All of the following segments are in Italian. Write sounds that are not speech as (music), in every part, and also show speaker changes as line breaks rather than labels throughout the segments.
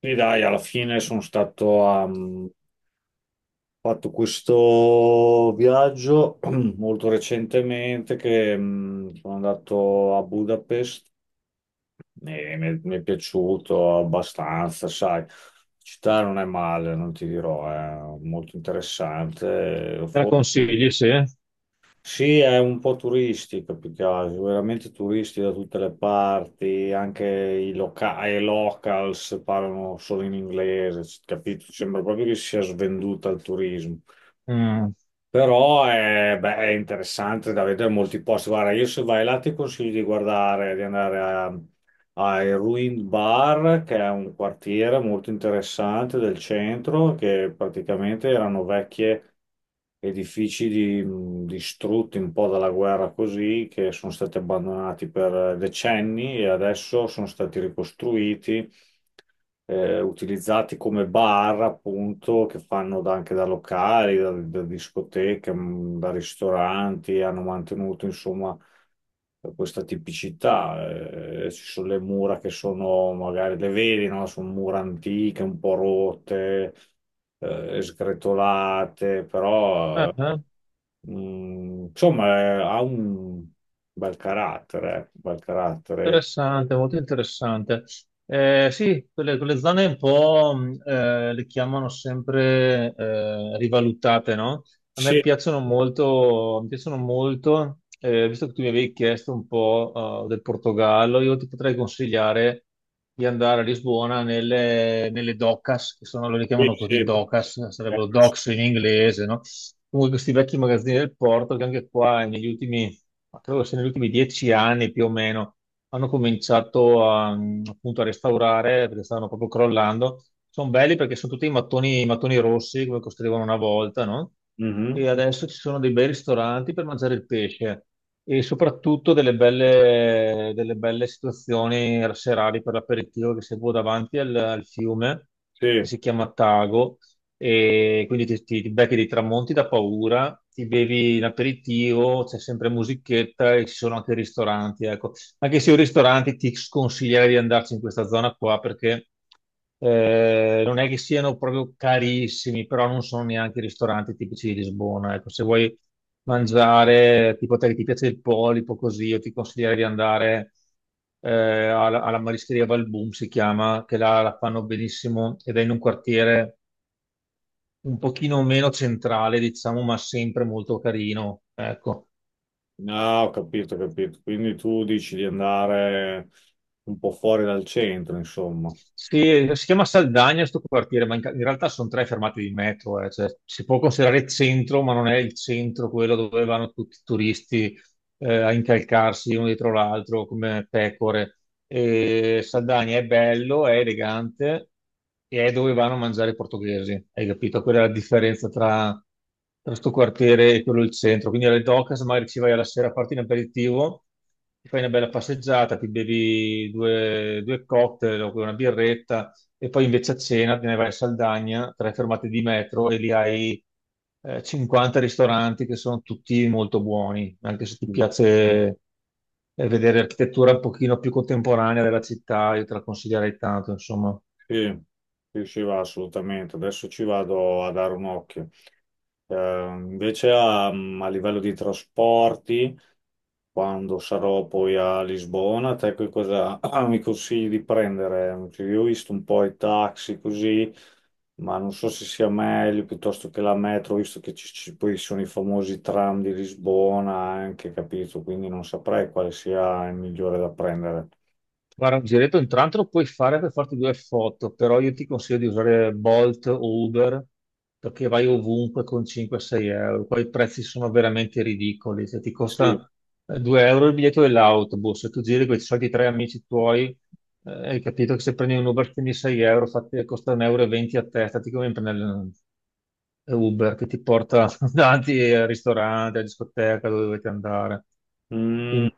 Sì, dai, alla fine sono stato a... ho fatto questo viaggio (clears throat) molto recentemente che sono andato a Budapest e mi è piaciuto abbastanza, sai. La città non è male, non ti dirò, è molto interessante.
Me la consigli, sì?
Sì, è un po' turistico più che altro, veramente turisti da tutte le parti, anche i locals parlano solo in inglese, capito? Sembra proprio che sia svenduta al turismo.
Mm.
Però è interessante da vedere molti posti. Guarda, io se vai là ti consiglio di guardare, di andare a hai Ruined Bar, che è un quartiere molto interessante del centro, che praticamente erano vecchie edifici distrutti un po' dalla guerra così, che sono stati abbandonati per decenni e adesso sono stati ricostruiti, utilizzati come bar, appunto, che fanno anche da locali, da discoteche, da ristoranti, hanno mantenuto, insomma, questa tipicità. Ci sono le mura che sono, magari le vedi, no? Sono mura antiche, un po' rotte, sgretolate. però
Ah,
eh,
ah.
mm, insomma eh, ha un bel carattere, bel carattere.
Interessante, molto interessante. Sì, quelle zone un po' le chiamano sempre rivalutate, no? A me
Sì,
piacciono molto, mi piacciono molto, visto che tu mi avevi chiesto un po' del Portogallo, io ti potrei consigliare di andare a Lisbona nelle docas, che sono, loro le
sì,
chiamano
sì.
così docas,
eh,
sarebbero docks in inglese, no? Comunque questi vecchi magazzini del porto che anche qua negli ultimi, ma credo che sia negli ultimi 10 anni più o meno hanno cominciato appunto a restaurare perché stavano proprio crollando. Sono belli perché sono tutti i mattoni rossi come costruivano una volta, no? E
mhm.
adesso ci sono dei bei ristoranti per mangiare il pesce e soprattutto delle belle situazioni serali per l'aperitivo che si può davanti al fiume che
Sì,
si chiama Tago e quindi ti becchi dei tramonti da paura, ti bevi l'aperitivo, c'è sempre musichetta e ci sono anche ristoranti, ecco. Anche se io ristorante ti sconsiglierei di andarci in questa zona qua perché non è che siano proprio carissimi, però non sono neanche i ristoranti tipici di Lisbona. Ecco, se vuoi mangiare, tipo te che ti piace il polipo, così, io ti consiglierei di andare alla Marischeria Valbum, si chiama, che là la fanno benissimo ed è in un quartiere un pochino meno centrale, diciamo, ma sempre molto carino. Ecco.
no, ho capito, ho capito. Quindi tu dici di andare un po' fuori dal centro, insomma.
Sì, si chiama Saldagna sto quartiere, ma in realtà sono tre fermate di metro, cioè, si può considerare centro, ma non è il centro quello dove vanno tutti i turisti a incalcarsi uno dietro l'altro come pecore. E Saldagna è bello, è elegante e è dove vanno a mangiare i portoghesi, hai capito? Quella è la differenza tra questo quartiere e quello del centro. Quindi alle Docas magari ci vai alla sera a farti un aperitivo, ti fai una bella passeggiata, ti bevi due cocktail o una birretta e poi invece a cena te ne vai a Saldagna, tre fermate di metro e lì hai 50 ristoranti che sono tutti molto buoni, anche se ti piace vedere architettura un pochino più contemporanea della città, io te la consiglierei tanto, insomma.
Sì, sì, sì, va assolutamente. Adesso ci vado a dare un occhio. Invece a, a livello di trasporti, quando sarò poi a Lisbona, te che cosa (clears throat) mi consigli di prendere? Cioè, io ho visto un po' i taxi così, ma non so se sia meglio piuttosto che la metro, visto che poi sono i famosi tram di Lisbona anche, capito? Quindi non saprei quale sia il migliore da prendere.
Guarda, un giretto intanto lo puoi fare per farti due foto, però io ti consiglio di usare Bolt o Uber perché vai ovunque con 5-6 euro. Qua i prezzi sono veramente ridicoli, cioè ti
Sì.
costa 2 euro il biglietto dell'autobus, se tu giri con i soliti tre amici tuoi, hai capito che se prendi un Uber spendi 6 euro, costa 1,20 euro e venti a testa, ti conviene prendere Uber che ti porta (laughs) davanti al ristorante, alla discoteca, dove dovete andare.
Mm,
Quindi,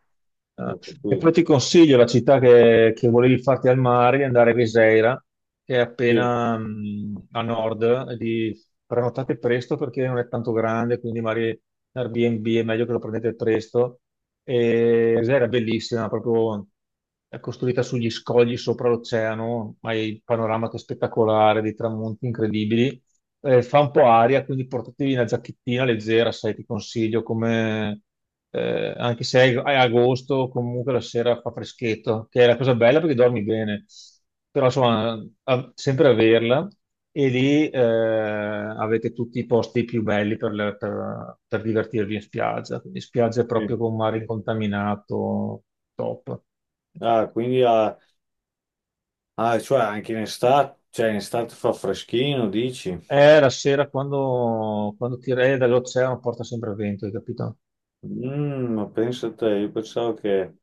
eh,
ho
e
capito.
poi ti consiglio la città che volevi farti al mare, di andare a Viseira, che è
Sì,
appena a nord, e di prenotate presto perché non è tanto grande, quindi magari Airbnb è meglio che lo prendete presto. E Viseira è bellissima, proprio è costruita sugli scogli sopra l'oceano, ma hai il panorama che è spettacolare, dei tramonti incredibili. Eh, fa un po' aria, quindi portatevi una giacchettina leggera, sai, ti consiglio come... anche se è agosto, comunque la sera fa freschetto, che è la cosa bella perché dormi bene, però insomma, sempre averla. E lì avete tutti i posti più belli per, per divertirvi in spiaggia, quindi spiaggia
sì.
proprio con mare incontaminato, top.
Ah, quindi ah, ah, cioè anche in estate, cioè in estate fa freschino, dici?
È la sera quando ti re dall'oceano porta sempre vento, hai capito?
Mm, ma pensa te, io pensavo che,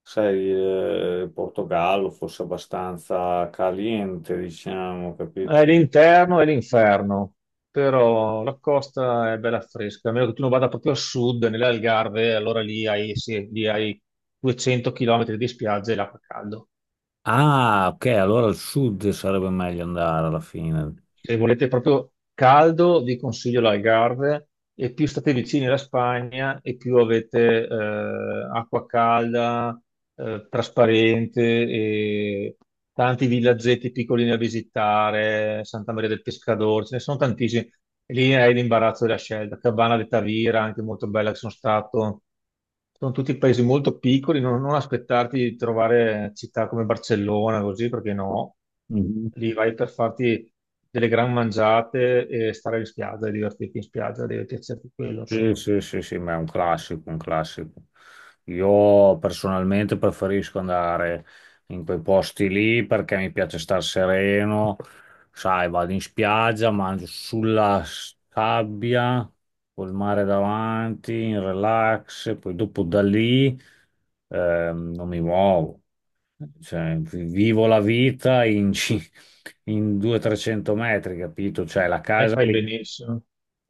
sai, il Portogallo fosse abbastanza caliente, diciamo, capito?
È l'interno e l'inferno, però la costa è bella fresca, a meno che tu non vada proprio a sud, nelle Algarve, allora lì hai, sì, lì hai 200 km di spiagge e l'acqua caldo.
Ah, ok, allora al sud sarebbe meglio andare alla fine.
Se volete proprio caldo, vi consiglio l'Algarve e più state vicini alla Spagna e più avete acqua calda, trasparente e tanti villaggetti piccolini da visitare, Santa Maria del Pescador, ce ne sono tantissimi. E lì è l'imbarazzo della scelta. Cabana de Tavira, anche molto bella che sono stato. Sono tutti paesi molto piccoli, non, non aspettarti di trovare città come Barcellona, così, perché no.
Mhm.
Lì vai per farti delle gran mangiate e stare in spiaggia, e divertirti in spiaggia, deve piacerti quello,
Sì,
insomma.
sì, sì, sì, ma è un classico, un classico. Io personalmente preferisco andare in quei posti lì perché mi piace star sereno, sai, vado in spiaggia, mangio sulla sabbia, col mare davanti, in relax. Poi dopo da lì non mi muovo, cioè, vivo la vita in 200-300 metri, capito? Cioè la
E
casa
fai
lì.
benissimo.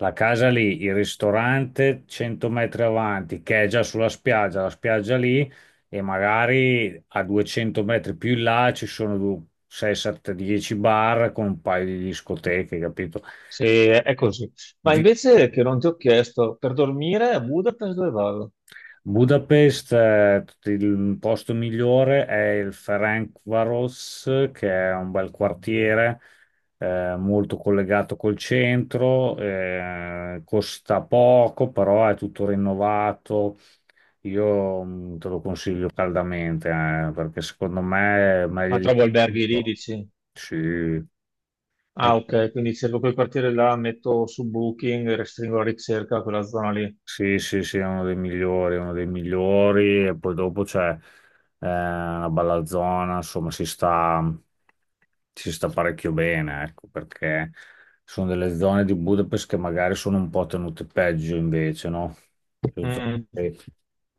La casa lì, il ristorante 100 metri avanti, che è già sulla spiaggia, la spiaggia lì, e magari a 200 metri più in là ci sono 6, 7, 10 bar con un paio di discoteche, capito?
Sì, è così. Ma
Vi-
invece che non ti ho chiesto, per dormire a Budapest dove vado?
Budapest, il posto migliore è il Ferencváros, che è un bel quartiere, molto collegato col centro, costa poco, però è tutto rinnovato. Io te lo consiglio caldamente, perché secondo me è meglio
Ma
di
trovo alberghi lì,
tutto.
dici?
Sì, è-
Ah, ok, quindi cerco quel quartiere là, metto su Booking, restringo la ricerca a quella zona lì.
sì, sì, sì, è uno dei migliori, è uno dei migliori, e poi dopo c'è una bella zona, insomma. Si sta parecchio bene, ecco, perché sono delle zone di Budapest che magari sono un po' tenute peggio invece, no? Cioè,
Mm.
Zone,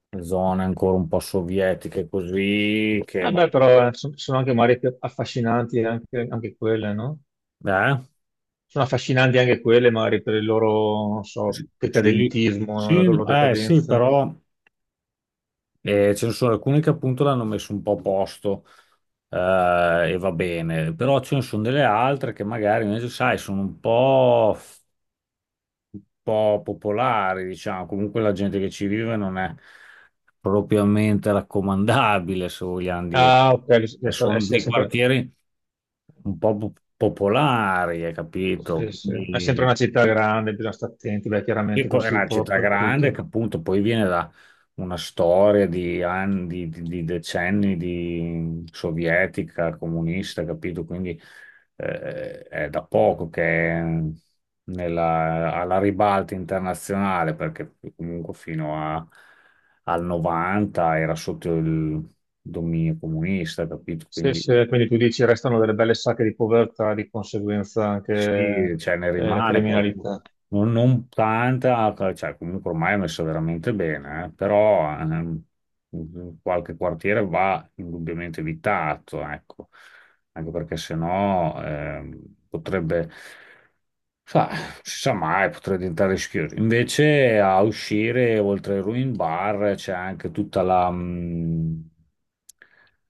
le zone ancora un po' sovietiche così, che...
Eh
va-
beh, però eh, so- sono anche mari più affascinanti anche, anche quelle, no?
Eh?
Sono affascinanti anche quelle, magari per il loro, non
Sì,
so,
sì,
decadentismo, la
sì,
loro
no, sì,
decadenza.
però ce ne sono alcune che appunto l'hanno messo un po' a posto, e va bene, però ce ne sono delle altre che magari invece, sai, sono un po' popolari, diciamo. Comunque la gente che ci vive non è propriamente raccomandabile, se vogliamo dire. E sono
È
dei
sempre,
quartieri un po' popolari, hai capito?
sì, sì. È sempre una città grande, bisogna stare attenti, beh,
Sì,
chiaramente
poi è
così un
una
po'
città grande
dappertutto.
che appunto poi viene da una storia di anni, di decenni di sovietica, comunista, capito? Quindi è da poco che è alla ribalta internazionale, perché comunque al 90 era sotto il dominio comunista, capito?
Sì,
Quindi
sì, quindi tu dici restano delle belle sacche di povertà, di conseguenza anche
sì, cioè ne
la
rimane qualcuno,
criminalità.
non, non tanta, cioè comunque ormai è messo veramente bene, eh. Però qualche quartiere va indubbiamente evitato, ecco, anche perché sennò potrebbe Sa, non si sa mai, potrei diventare rischioso. Invece a uscire, oltre ai Ruin Bar, c'è anche tutta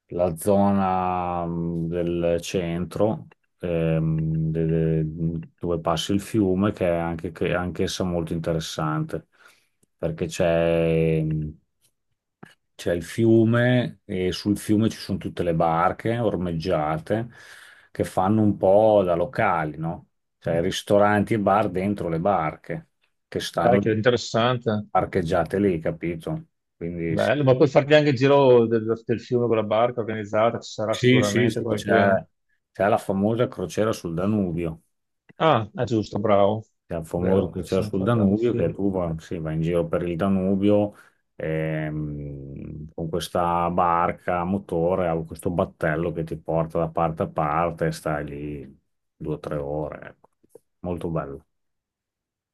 la zona del centro, ehm, de- dove passa il fiume, che è che è anch'essa molto interessante, perché c'è il fiume e sul fiume ci sono tutte le barche ormeggiate che fanno un po' da locali, no? Cioè ristoranti e bar dentro le barche che
Dai,
stanno
che interessante.
parcheggiate lì, capito? Quindi sì,
Bello, ma puoi farti anche il giro del fiume con la barca organizzata, ci sarà
sì, sì,
sicuramente
sì,
qualche...
c'è la famosa crociera sul Danubio.
Ah, è giusto, bravo.
C'è il famoso
Vero, ci
crociera
siamo
sul
fatti anche il
Danubio che
film.
tu va, sì, vai in giro per il Danubio con questa barca a motore, ha questo battello che ti porta da parte a parte e stai lì 2 o 3 ore. Ecco. Molto bello.